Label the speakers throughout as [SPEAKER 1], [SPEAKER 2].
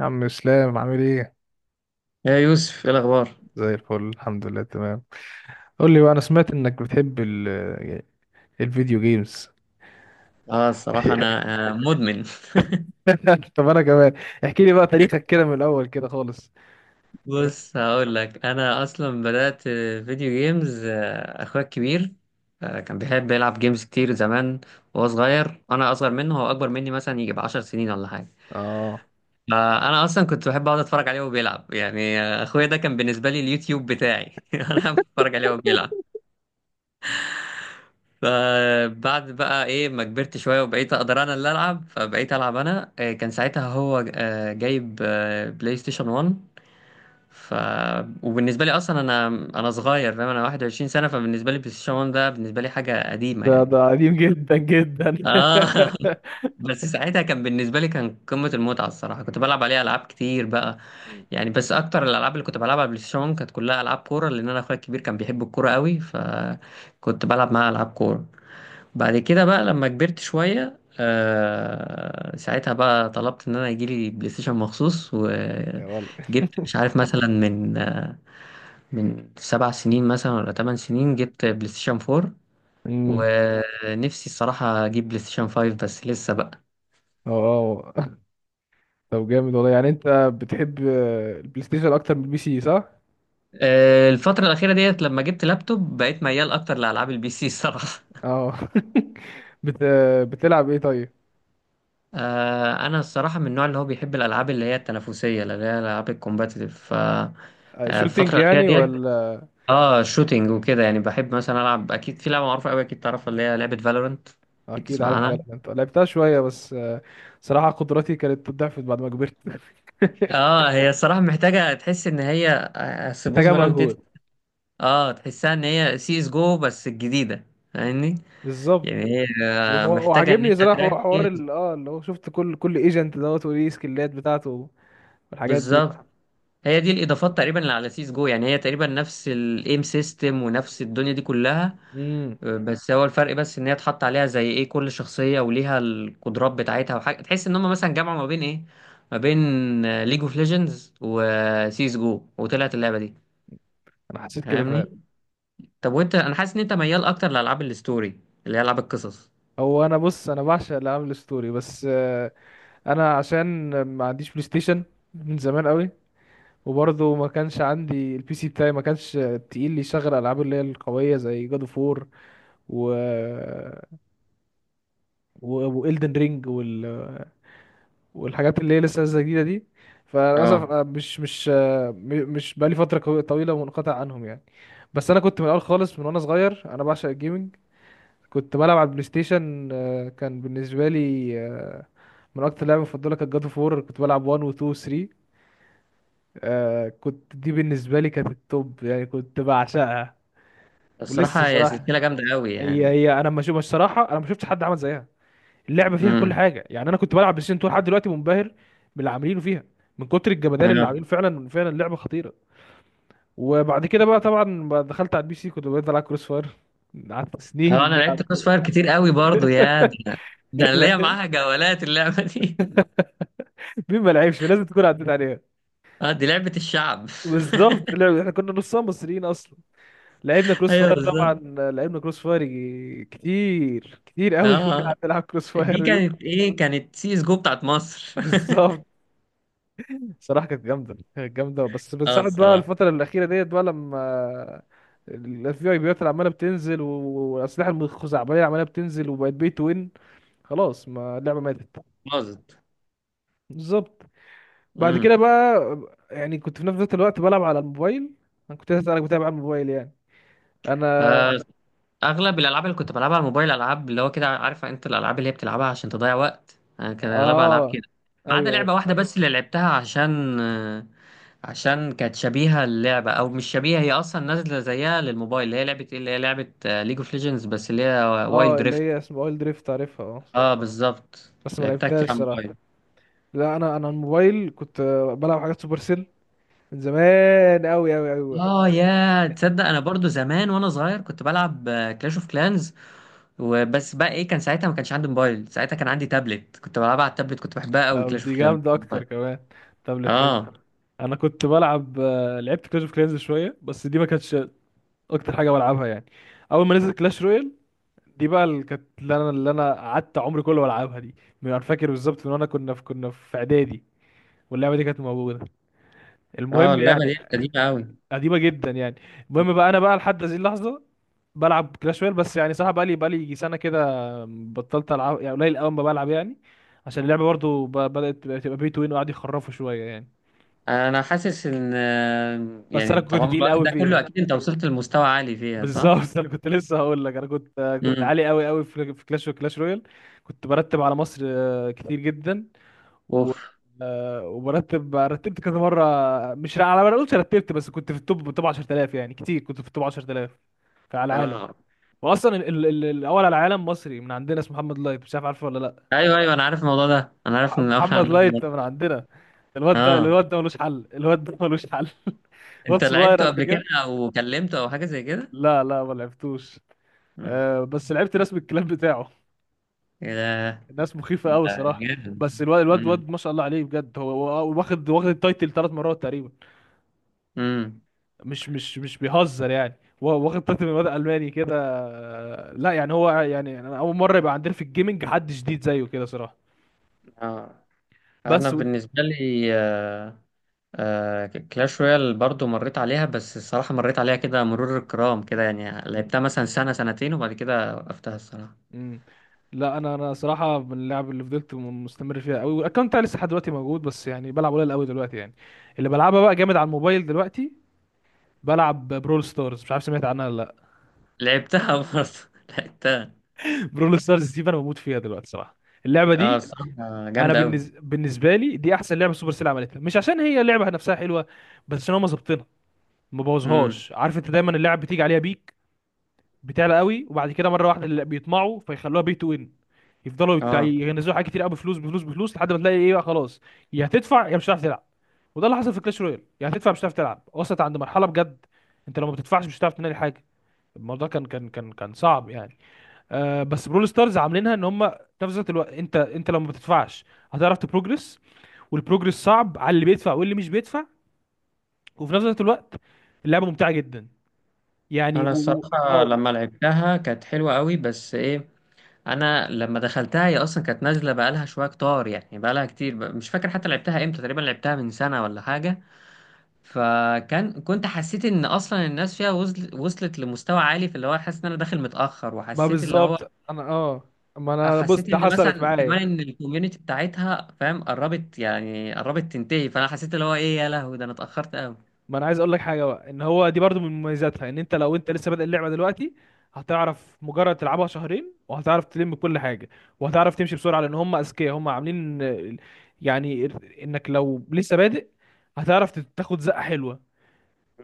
[SPEAKER 1] عم اسلام عامل ايه؟
[SPEAKER 2] يا يوسف، ايه الاخبار؟
[SPEAKER 1] زي الفل الحمد لله تمام. قول لي بقى، انا سمعت انك بتحب ال الفيديو جيمز.
[SPEAKER 2] اه، الصراحه انا مدمن
[SPEAKER 1] طب انا كمان، احكي لي بقى تاريخك كده من الاول كده خالص.
[SPEAKER 2] بص هقول لك انا اصلا بدات فيديو جيمز. اخويا الكبير كان بيحب يلعب جيمز كتير زمان وهو صغير. انا اصغر منه، هو اكبر مني مثلا يجي ب10 سنين ولا حاجه.
[SPEAKER 1] اه،
[SPEAKER 2] فانا اصلا كنت بحب اقعد اتفرج عليه وهو بيلعب يعني. اخويا ده كان بالنسبه لي اليوتيوب بتاعي انا بتفرج عليه وهو بيلعب. فبعد بقى ايه ما كبرت شويه وبقيت اقدر انا اللي العب، فبقيت العب انا. كان ساعتها هو جايب بلاي ستيشن 1. ف وبالنسبه لي اصلا انا صغير، فاهم، انا 21 سنه. فبالنسبه لي بلاي ستيشن 1 ده بالنسبه لي حاجه قديمه
[SPEAKER 1] ده
[SPEAKER 2] يعني.
[SPEAKER 1] ده قديم جدا جدا.
[SPEAKER 2] اه بس ساعتها كان بالنسبه لي كان قمه المتعه الصراحه. كنت بلعب عليه العاب كتير بقى يعني. بس اكتر الالعاب اللي كنت بلعبها على البلاي ستيشن 1 كانت كلها العاب كوره، لان انا اخويا الكبير كان بيحب الكوره قوي، فكنت بلعب معاه العاب كوره. بعد كده بقى لما كبرت شوية آه ساعتها بقى طلبت ان انا يجيلي بلاي ستيشن مخصوص،
[SPEAKER 1] يا والله.
[SPEAKER 2] وجبت مش عارف مثلا من من 7 سنين مثلا ولا 8 سنين، جبت بلاي ستيشن 4.
[SPEAKER 1] امم.
[SPEAKER 2] ونفسي الصراحة اجيب بلاي ستيشن 5 بس لسه بقى.
[SPEAKER 1] اه، آه. طب جامد والله، يعني انت بتحب البلاي ستيشن اكتر من البي سي، صح؟
[SPEAKER 2] آه الفترة الأخيرة ديت لما جبت لابتوب بقيت ميال أكتر لألعاب البي سي الصراحة
[SPEAKER 1] اه. بت... بتلعب ايه طيب؟
[SPEAKER 2] أنا الصراحة من النوع اللي هو بيحب الألعاب اللي هي التنافسية، اللي هي الألعاب الكومباتيتيف. ف آه، الفترة
[SPEAKER 1] شوتينج
[SPEAKER 2] الأخيرة
[SPEAKER 1] يعني،
[SPEAKER 2] ديت.
[SPEAKER 1] ولا؟
[SPEAKER 2] اه شوتينج وكده يعني. بحب مثلا العب، اكيد في لعبه معروفه قوي اكيد تعرفها، اللي هي لعبه فالورنت. اكيد
[SPEAKER 1] اكيد
[SPEAKER 2] تسمع
[SPEAKER 1] عارف
[SPEAKER 2] عنها.
[SPEAKER 1] فالورانت، لعبتها شويه بس. صراحه قدراتي كانت ضعفت بعد ما كبرت.
[SPEAKER 2] اه هي الصراحه محتاجه تحس ان هي سبوس
[SPEAKER 1] محتاجه
[SPEAKER 2] فالورنت.
[SPEAKER 1] مجهود.
[SPEAKER 2] اه تحسها ان هي سي اس جو بس الجديده. فاهمني؟
[SPEAKER 1] بالظبط.
[SPEAKER 2] يعني هي محتاجه ان
[SPEAKER 1] وعاجبني
[SPEAKER 2] انت
[SPEAKER 1] صراحه، حوار
[SPEAKER 2] تركز.
[SPEAKER 1] اللي هو شفت كل ايجنت دوت وليه سكيلات بتاعته والحاجات دي.
[SPEAKER 2] بالظبط. هي دي الاضافات تقريبا اللي على سي اس جو. يعني هي تقريبا نفس الايم سيستم ونفس الدنيا دي كلها،
[SPEAKER 1] امم.
[SPEAKER 2] بس هو الفرق بس ان هي اتحط عليها زي ايه كل شخصيه وليها القدرات بتاعتها. وحاجه تحس ان هم مثلا جمعوا ما بين ايه، ما بين ليج اوف ليجندز وسيس جو وطلعت اللعبه دي.
[SPEAKER 1] انا حسيت كده فعلا.
[SPEAKER 2] فاهمني. طب وانت، انا حاسس ان انت ميال اكتر لالعاب الستوري، اللي هي العاب القصص.
[SPEAKER 1] هو انا بص، انا بعشق العاب الستوري بس. انا عشان ما عنديش بلاي ستيشن من زمان قوي، وبرضه ما كانش عندي البي سي بتاعي، ما كانش تقيل لي يشغل العاب اللي هي القويه، زي جاد اوف وور و والدن رينج والحاجات اللي هي لسه نازله جديده دي. فللاسف
[SPEAKER 2] اه
[SPEAKER 1] أنا مش مش بقالي فتره طويله منقطع عنهم يعني. بس انا كنت من الاول خالص من وانا صغير، انا بعشق الجيمنج. كنت بلعب على البلاي ستيشن، كان بالنسبه لي، من اكتر لعبه مفضله كانت جاد اوف وور، كنت بلعب 1 و 2 و 3. كنت دي بالنسبه لي كانت التوب يعني، كنت بعشقها. ولسه
[SPEAKER 2] الصراحه هي
[SPEAKER 1] صراحه،
[SPEAKER 2] سلسله جامده قوي
[SPEAKER 1] هي
[SPEAKER 2] يعني.
[SPEAKER 1] هي انا ما شو مش صراحه، انا ما شفتش حد عمل زيها. اللعبه فيها كل
[SPEAKER 2] امم.
[SPEAKER 1] حاجه يعني. انا كنت بلعب بلاي ستيشن 2 لحد دلوقتي منبهر باللي عاملينه فيها، من كتر الجمدان اللي
[SPEAKER 2] اه
[SPEAKER 1] عاملينه، فعلا فعلا اللعبه خطيره. وبعد كده بقى طبعا بقى دخلت على البي سي، كنت بقيت العب كروس فاير، قعدت سنين
[SPEAKER 2] انا
[SPEAKER 1] بنلعب.
[SPEAKER 2] لعبت كروس فاير كتير قوي برضو، يا ده، ده انا ليا
[SPEAKER 1] لا،
[SPEAKER 2] معاها جولات اللعبه دي.
[SPEAKER 1] مين ما لعبش لازم تكون عديت عليها.
[SPEAKER 2] اه دي لعبه الشعب.
[SPEAKER 1] بالظبط، لعب احنا كنا نصها مصريين اصلا، لعبنا كروس
[SPEAKER 2] ايوه
[SPEAKER 1] فاير طبعا.
[SPEAKER 2] بالظبط.
[SPEAKER 1] لعبنا كروس فاير كتير كتير قوي كنا
[SPEAKER 2] اه
[SPEAKER 1] قاعدين نلعب كروس
[SPEAKER 2] دي
[SPEAKER 1] فاير دي.
[SPEAKER 2] كانت ايه، كانت سي اس جو بتاعت مصر
[SPEAKER 1] بالظبط. صراحة كانت جامدة كانت جامدة، بس من
[SPEAKER 2] اه
[SPEAKER 1] ساعة بقى
[SPEAKER 2] الصراحه
[SPEAKER 1] الفترة الأخيرة ديت بقى، لما الاف بي اي بيات عمالة بتنزل والأسلحة الخزعبلية عمالة بتنزل، وبقت بي تو وين، خلاص ما اللعبة ماتت.
[SPEAKER 2] باظت.
[SPEAKER 1] بالظبط. بعد كده
[SPEAKER 2] امم.
[SPEAKER 1] بقى، يعني كنت في نفس ذات الوقت بلعب على الموبايل. أنا كنت لسه أسألك بتابع على الموبايل يعني. أنا.
[SPEAKER 2] آه، اغلب الالعاب اللي كنت بلعبها على الموبايل العاب اللي هو كده، عارفه انت، الالعاب اللي هي بتلعبها عشان تضيع وقت، انا كان اغلبها العاب
[SPEAKER 1] اه.
[SPEAKER 2] كده. ما عدا
[SPEAKER 1] أيوه.
[SPEAKER 2] لعبه واحده بس اللي لعبتها عشان عشان كانت شبيهه اللعبه، او مش شبيهه، هي اصلا نازله زيها للموبايل، اللي هي لعبه ايه اللي هي لعبه ليج اوف ليجندز بس اللي هي
[SPEAKER 1] اه،
[SPEAKER 2] وايلد
[SPEAKER 1] اللي
[SPEAKER 2] ريفت.
[SPEAKER 1] هي اسمها اويل دريفت، عارفها. اه،
[SPEAKER 2] اه بالظبط.
[SPEAKER 1] بس ما
[SPEAKER 2] لعبتها
[SPEAKER 1] لعبتهاش
[SPEAKER 2] كتير على
[SPEAKER 1] صراحة.
[SPEAKER 2] الموبايل.
[SPEAKER 1] لا، أنا الموبايل كنت بلعب حاجات سوبر سيل من زمان أوي أوي أوي.
[SPEAKER 2] اه يا تصدق انا برضو زمان وانا صغير كنت بلعب كلاش اوف كلانز. وبس بقى ايه، كان ساعتها ما كانش عندي موبايل، ساعتها كان عندي تابلت كنت بلعبها على التابلت، كنت بحبها قوي
[SPEAKER 1] طب
[SPEAKER 2] كلاش
[SPEAKER 1] دي
[SPEAKER 2] اوف كلانس.
[SPEAKER 1] جامدة أكتر كمان. تابلت حلو.
[SPEAKER 2] اه.
[SPEAKER 1] أنا كنت بلعب، لعبت كلاش اوف كلانز شوية، بس دي ما كانتش أكتر حاجة بلعبها يعني. أول ما نزلت كلاش رويال، دي بقى اللي كانت اللي أنا قعدت عمري كله بلعبها دي. من، أنا فاكر بالظبط، من وأنا كنا في إعدادي واللعبة دي كانت موجودة.
[SPEAKER 2] اه
[SPEAKER 1] المهم
[SPEAKER 2] اللعبه
[SPEAKER 1] يعني،
[SPEAKER 2] دي قديمه قوي.
[SPEAKER 1] قديمة جدا يعني. المهم بقى، أنا بقى لحد هذه اللحظة بلعب كلاش رويال، بس يعني صراحة بقى لي يجي سنة كده بطلت ألعب، يعني قليل أوي ما بلعب يعني، عشان اللعبة برضو بدأت تبقى بي تو وين، وقعدوا يخرفوا شوية يعني.
[SPEAKER 2] انا حاسس ان
[SPEAKER 1] بس
[SPEAKER 2] يعني
[SPEAKER 1] انا كنت
[SPEAKER 2] طالما
[SPEAKER 1] تقيل
[SPEAKER 2] الوقت
[SPEAKER 1] قوي
[SPEAKER 2] ده كله
[SPEAKER 1] فيها.
[SPEAKER 2] اكيد انت وصلت لمستوى عالي فيها، صح؟
[SPEAKER 1] بالظبط. انا كنت لسه هقول لك، انا كنت
[SPEAKER 2] امم.
[SPEAKER 1] عالي قوي قوي في كلاش وكلاش رويال. كنت برتب على مصر، كتير جدا. و،
[SPEAKER 2] اوف.
[SPEAKER 1] رتبت كذا مره، مش على ما اقولش رتبت، بس كنت في التوب 10000 يعني، كتير كنت في التوب 10000 على العالم.
[SPEAKER 2] اه.
[SPEAKER 1] واصلا الاول على العالم مصري من عندنا اسمه محمد لايت، مش عارف عارفه ولا لا؟
[SPEAKER 2] ايوه ايوه انا عارف الموضوع ده، انا عارف ان اول
[SPEAKER 1] محمد لايت من عندنا، الواد ده،
[SPEAKER 2] اه.
[SPEAKER 1] الواد ده ملوش حل، الواد ده ملوش حل. واد
[SPEAKER 2] انت
[SPEAKER 1] صغير
[SPEAKER 2] لعبته
[SPEAKER 1] قد
[SPEAKER 2] قبل كده
[SPEAKER 1] كده.
[SPEAKER 2] او كلمته او حاجه زي كده؟
[SPEAKER 1] لا لا، ما لعبتوش.
[SPEAKER 2] امم.
[SPEAKER 1] آه، بس لعبت ناس من الكلاب بتاعه،
[SPEAKER 2] ايه ده؟
[SPEAKER 1] الناس مخيفة قوي
[SPEAKER 2] ده
[SPEAKER 1] الصراحة.
[SPEAKER 2] جامد.
[SPEAKER 1] بس الواد الواد
[SPEAKER 2] امم.
[SPEAKER 1] واد ما شاء الله عليه بجد، هو واخد التايتل 3 مرات تقريبا،
[SPEAKER 2] امم.
[SPEAKER 1] مش بيهزر يعني. هو واخد تايتل من واد ألماني كده، لا يعني هو يعني، أنا أول مرة يبقى عندنا في الجيمنج حد جديد زيه كده صراحة.
[SPEAKER 2] اه انا
[SPEAKER 1] بس و...
[SPEAKER 2] بالنسبه لي كلاش رويال برضو مريت عليها بس الصراحة مريت عليها كده مرور الكرام كده يعني،
[SPEAKER 1] مم.
[SPEAKER 2] لعبتها مثلا سنة سنتين وبعد كده وقفتها الصراحة.
[SPEAKER 1] مم. لا، انا صراحه من اللعب اللي فضلت مستمر فيها قوي، والاكونت بتاعي لسه لحد دلوقتي موجود، بس يعني بلعب قليل قوي دلوقتي يعني. اللي بلعبها بقى جامد على الموبايل دلوقتي، بلعب برول ستارز، مش عارف سمعت عنها ولا لا؟
[SPEAKER 2] لعبتها برضو. لعبتها.
[SPEAKER 1] برول ستارز دي انا بموت فيها دلوقتي صراحه، اللعبه
[SPEAKER 2] اه
[SPEAKER 1] دي.
[SPEAKER 2] الصراحة
[SPEAKER 1] انا،
[SPEAKER 2] جامدة أوي.
[SPEAKER 1] بالنسبه لي دي احسن لعبه سوبر سيل عملتها، مش عشان هي اللعبه نفسها حلوه، بس ان هم ظابطينها، ما
[SPEAKER 2] امم.
[SPEAKER 1] بوظهاش. عارف انت، دايما اللعب بتيجي عليها بيك، بتعلى قوي، وبعد كده مره واحده اللي بيطمعوا فيخلوها بي تو ان، يفضلوا
[SPEAKER 2] اه
[SPEAKER 1] ينزلوا حاجات كتير قوي بفلوس بفلوس بفلوس، لحد ما تلاقي ايه بقى خلاص، يا هتدفع يا مش هتعرف تلعب. وده اللي حصل في كلاش رويال، يا هتدفع مش هتعرف تلعب. وصلت عند مرحله بجد، انت لو ما بتدفعش مش هتعرف تنقل حاجه، الموضوع كان صعب يعني. آه، بس برول ستارز عاملينها ان هم، في نفس الوقت، انت لو ما بتدفعش هتعرف تبروجرس، والبروجرس صعب على اللي بيدفع واللي مش بيدفع، وفي نفس الوقت اللعبه ممتعه جدا يعني
[SPEAKER 2] أنا الصراحة
[SPEAKER 1] اه.
[SPEAKER 2] لما لعبتها كانت حلوة أوي، بس إيه، أنا لما دخلتها هي أصلا كانت نازلة بقالها شوية كتار، يعني بقالها كتير، مش فاكر حتى لعبتها إمتى، تقريبا لعبتها من سنة ولا حاجة. فكان كنت حسيت ان اصلا الناس فيها وصلت لمستوى عالي، في اللي هو حاسس ان انا داخل متاخر،
[SPEAKER 1] ما
[SPEAKER 2] وحسيت اللي هو،
[SPEAKER 1] بالظبط انا، اه، ما انا بص
[SPEAKER 2] حسيت
[SPEAKER 1] ده
[SPEAKER 2] ان
[SPEAKER 1] حصلت
[SPEAKER 2] مثلا كمان
[SPEAKER 1] معايا.
[SPEAKER 2] ان الكوميونتي بتاعتها، فاهم، قربت يعني قربت تنتهي، فانا حسيت اللي هو ايه، يا لهوي ده انا اتاخرت قوي.
[SPEAKER 1] ما انا عايز اقول لك حاجه بقى، ان هو دي برضو من مميزاتها، ان انت لو انت لسه بادئ اللعبه دلوقتي، هتعرف مجرد تلعبها شهرين وهتعرف تلم كل حاجه، وهتعرف تمشي بسرعه، لان هم اذكياء، هم عاملين يعني، انك لو لسه بادئ هتعرف تاخد زقه حلوه.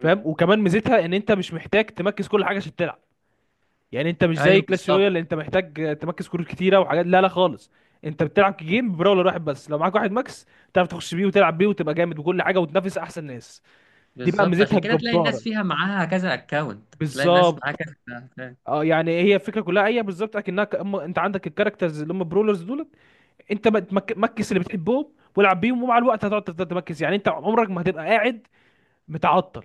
[SPEAKER 1] فاهم؟ وكمان ميزتها ان انت مش محتاج تمركز كل حاجه عشان تلعب، يعني انت مش زي
[SPEAKER 2] ايوه
[SPEAKER 1] كلاش رويال
[SPEAKER 2] بالظبط.
[SPEAKER 1] اللي انت محتاج تمركز كروت كتيره وحاجات، لا لا خالص. انت بتلعب جيم براولر واحد بس، لو معاك واحد ماكس تعرف تخش بيه وتلعب بيه وتبقى جامد وكل حاجه وتنافس احسن ناس. دي بقى
[SPEAKER 2] بالظبط،
[SPEAKER 1] ميزتها
[SPEAKER 2] عشان كده تلاقي الناس
[SPEAKER 1] الجباره.
[SPEAKER 2] فيها معاها كذا اكونت، تلاقي الناس
[SPEAKER 1] بالظبط.
[SPEAKER 2] معاها كذا account.
[SPEAKER 1] اه، يعني هي الفكره كلها، هي بالظبط اكنها، أما انت عندك الكاركترز اللي هم برولرز دولت، انت بقى مكس اللي بتحبهم والعب بيهم، ومع الوقت هتقعد تفضل تمكس، يعني انت عمرك ما هتبقى قاعد متعطل.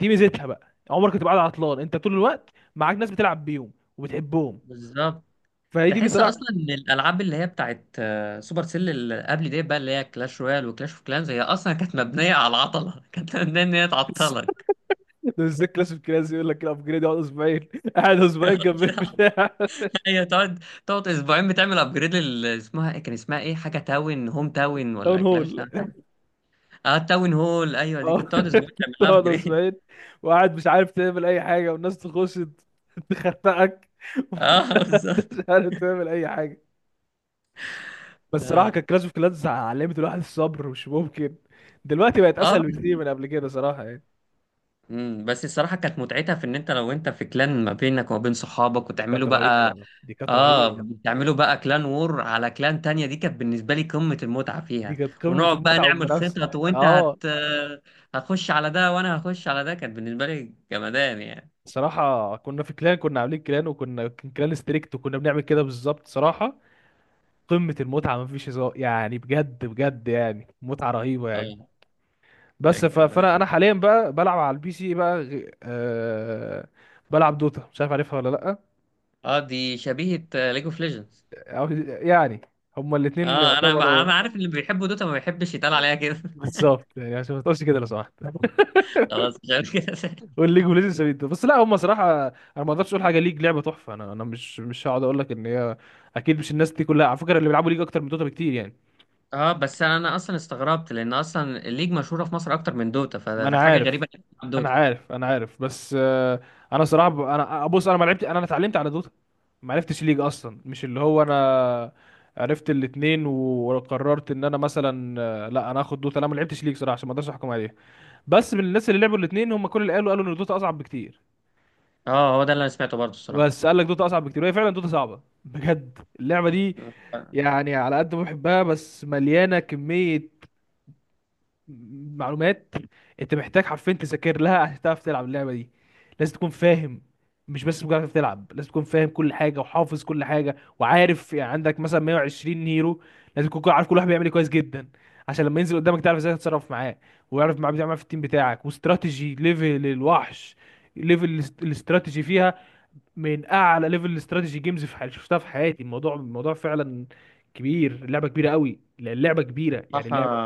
[SPEAKER 1] دي ميزتها بقى، عمرك ما تبقى قاعد عطلان، انت طول الوقت معاك ناس بتلعب بيهم وبتحبهم.
[SPEAKER 2] بالظبط.
[SPEAKER 1] فهي دي
[SPEAKER 2] تحس
[SPEAKER 1] بصراحه.
[SPEAKER 2] اصلا ان الالعاب اللي هي بتاعت سوبر سيل اللي قبل دي بقى اللي هي كلاش رويال وكلاش اوف كلانز هي اصلا كانت مبنيه على العطله كانت مبنيه ان هي تعطلك.
[SPEAKER 1] ده ازاي كلاس اوف كلاس يقول لك الابجريد يقعد اسبوعين، قاعد اسبوعين جنب البتاع.
[SPEAKER 2] هي تقعد اسبوعين بتعمل ابجريد لل اسمها إيه؟ كان اسمها ايه، حاجه تاون هوم تاون
[SPEAKER 1] داون
[SPEAKER 2] ولا كلاش
[SPEAKER 1] هول.
[SPEAKER 2] تاون، حاجه. اه تاون هول ايوه، دي كنت
[SPEAKER 1] اه.
[SPEAKER 2] تقعد اسبوعين تعمل لها
[SPEAKER 1] تقعد
[SPEAKER 2] ابجريد.
[SPEAKER 1] اسبوعين، وقاعد مش عارف تعمل اي حاجه، والناس تخش تخنقك،
[SPEAKER 2] اه بالظبط.
[SPEAKER 1] ومش عارف تعمل اي حاجه. بس صراحه
[SPEAKER 2] اه.
[SPEAKER 1] كانت كلاش اوف كلانس علمت الواحد الصبر مش ممكن، دلوقتي بقت
[SPEAKER 2] اه
[SPEAKER 1] اسهل بكتير من قبل كده صراحه يعني.
[SPEAKER 2] أمم، بس الصراحه كانت متعتها في ان انت لو انت في كلان ما بينك وما بين صحابك،
[SPEAKER 1] دي كانت
[SPEAKER 2] وتعملوا بقى،
[SPEAKER 1] رهيبه، دي كانت
[SPEAKER 2] اه
[SPEAKER 1] رهيبه،
[SPEAKER 2] بتعملوا بقى كلان وور على كلان تانية، دي كانت بالنسبة لي قمة المتعة
[SPEAKER 1] دي
[SPEAKER 2] فيها.
[SPEAKER 1] كانت قمه
[SPEAKER 2] ونقعد بقى
[SPEAKER 1] المتعه
[SPEAKER 2] نعمل
[SPEAKER 1] والمنافسه.
[SPEAKER 2] خطط، وانت
[SPEAKER 1] اه،
[SPEAKER 2] هت هتخش على ده وانا هخش على ده، كانت بالنسبة لي جمدان يعني.
[SPEAKER 1] صراحه كنا في كلان، كنا عاملين كلان، وكنا كان كلان ستريكت، وكنا بنعمل كده بالظبط صراحه. قمه المتعه، مفيش هزار يعني، بجد بجد يعني متعه رهيبه يعني.
[SPEAKER 2] اه
[SPEAKER 1] بس
[SPEAKER 2] كان جمدان.
[SPEAKER 1] فانا حاليا بقى بلعب على البي سي بقى، بلعب دوتا، مش عارف عارفها ولا لا؟
[SPEAKER 2] اه دي شبيهة ليج اوف ليجندز.
[SPEAKER 1] أو، يعني هما الاثنين
[SPEAKER 2] اه انا
[SPEAKER 1] يعتبروا.
[SPEAKER 2] انا عارف اللي بيحبوا دوتا ما بيحبش يتقال عليها كده
[SPEAKER 1] بالظبط، يعني عشان ما تقولش كده لو سمحت.
[SPEAKER 2] خلاص مش عارف كده
[SPEAKER 1] والليج اوف ليجندز سبيد، بس لا، هما صراحه، انا ما اقدرش اقول حاجه، ليج لعبه تحفه، انا مش هقعد اقول لك ان هي، اكيد مش، الناس دي كلها على فكره اللي بيلعبوا ليج اكتر من دوتا بكتير يعني.
[SPEAKER 2] اه بس انا اصلا استغربت، لان اصلا الليج مشهورة في مصر اكتر من دوتا،
[SPEAKER 1] ما انا
[SPEAKER 2] فحاجة
[SPEAKER 1] عارف،
[SPEAKER 2] غريبة انك تلعب
[SPEAKER 1] انا
[SPEAKER 2] دوتا.
[SPEAKER 1] عارف، انا عارف، بس. انا صراحه، انا بص، انا ما لعبت، انا اتعلمت على دوتا، ما عرفتش ليج اصلا، مش اللي هو انا عرفت الاتنين وقررت ان انا مثلا، لا انا هاخد دوتا، انا ما لعبتش ليج صراحه عشان ما اقدرش احكم عليها. بس من الناس اللي لعبوا الاتنين، هم كل اللي قالوا ان دوتا اصعب بكتير.
[SPEAKER 2] اه هو ده اللي انا سمعته برضه الصراحة.
[SPEAKER 1] بس قال لك دوتا اصعب بكتير، وهي فعلا دوتا صعبه بجد، اللعبه دي، يعني على قد ما بحبها بس مليانه كميه معلومات. انت محتاج حرفيا تذاكر لها عشان تعرف تلعب اللعبه دي، لازم تكون فاهم، مش بس مجرد تلعب. لازم تكون فاهم كل حاجه وحافظ كل حاجه وعارف، يعني عندك مثلا 120 هيرو، لازم تكون عارف كل واحد بيعمل ايه كويس جدا، عشان لما ينزل قدامك تعرف ازاي تتصرف معاه، ويعرف معاه بتعمل في التيم بتاعك، واستراتيجي ليفل الوحش. ليفل الاستراتيجي فيها من اعلى ليفل الاستراتيجي جيمز في حياتي شفتها في حياتي. الموضوع فعلا كبير، اللعبه كبيره قوي، اللعبه كبيره، يعني
[SPEAKER 2] صح.
[SPEAKER 1] اللعبه.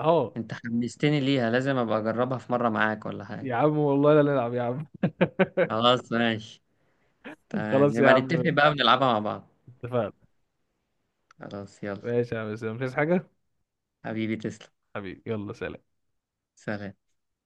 [SPEAKER 1] اه،
[SPEAKER 2] انت حمستني ليها، لازم ابقى اجربها في مرة معاك ولا حاجة.
[SPEAKER 1] يا عم والله لا نلعب يا عم.
[SPEAKER 2] خلاص ماشي. تمام،
[SPEAKER 1] خلاص يا
[SPEAKER 2] يبقى
[SPEAKER 1] عم،
[SPEAKER 2] نتفق بقى ونلعبها مع بعض.
[SPEAKER 1] اتفقنا.
[SPEAKER 2] خلاص يلا.
[SPEAKER 1] ماشي يا عم، مش عايز حاجة.
[SPEAKER 2] حبيبي تسلم.
[SPEAKER 1] حبيبي يلا سلام.
[SPEAKER 2] سلام.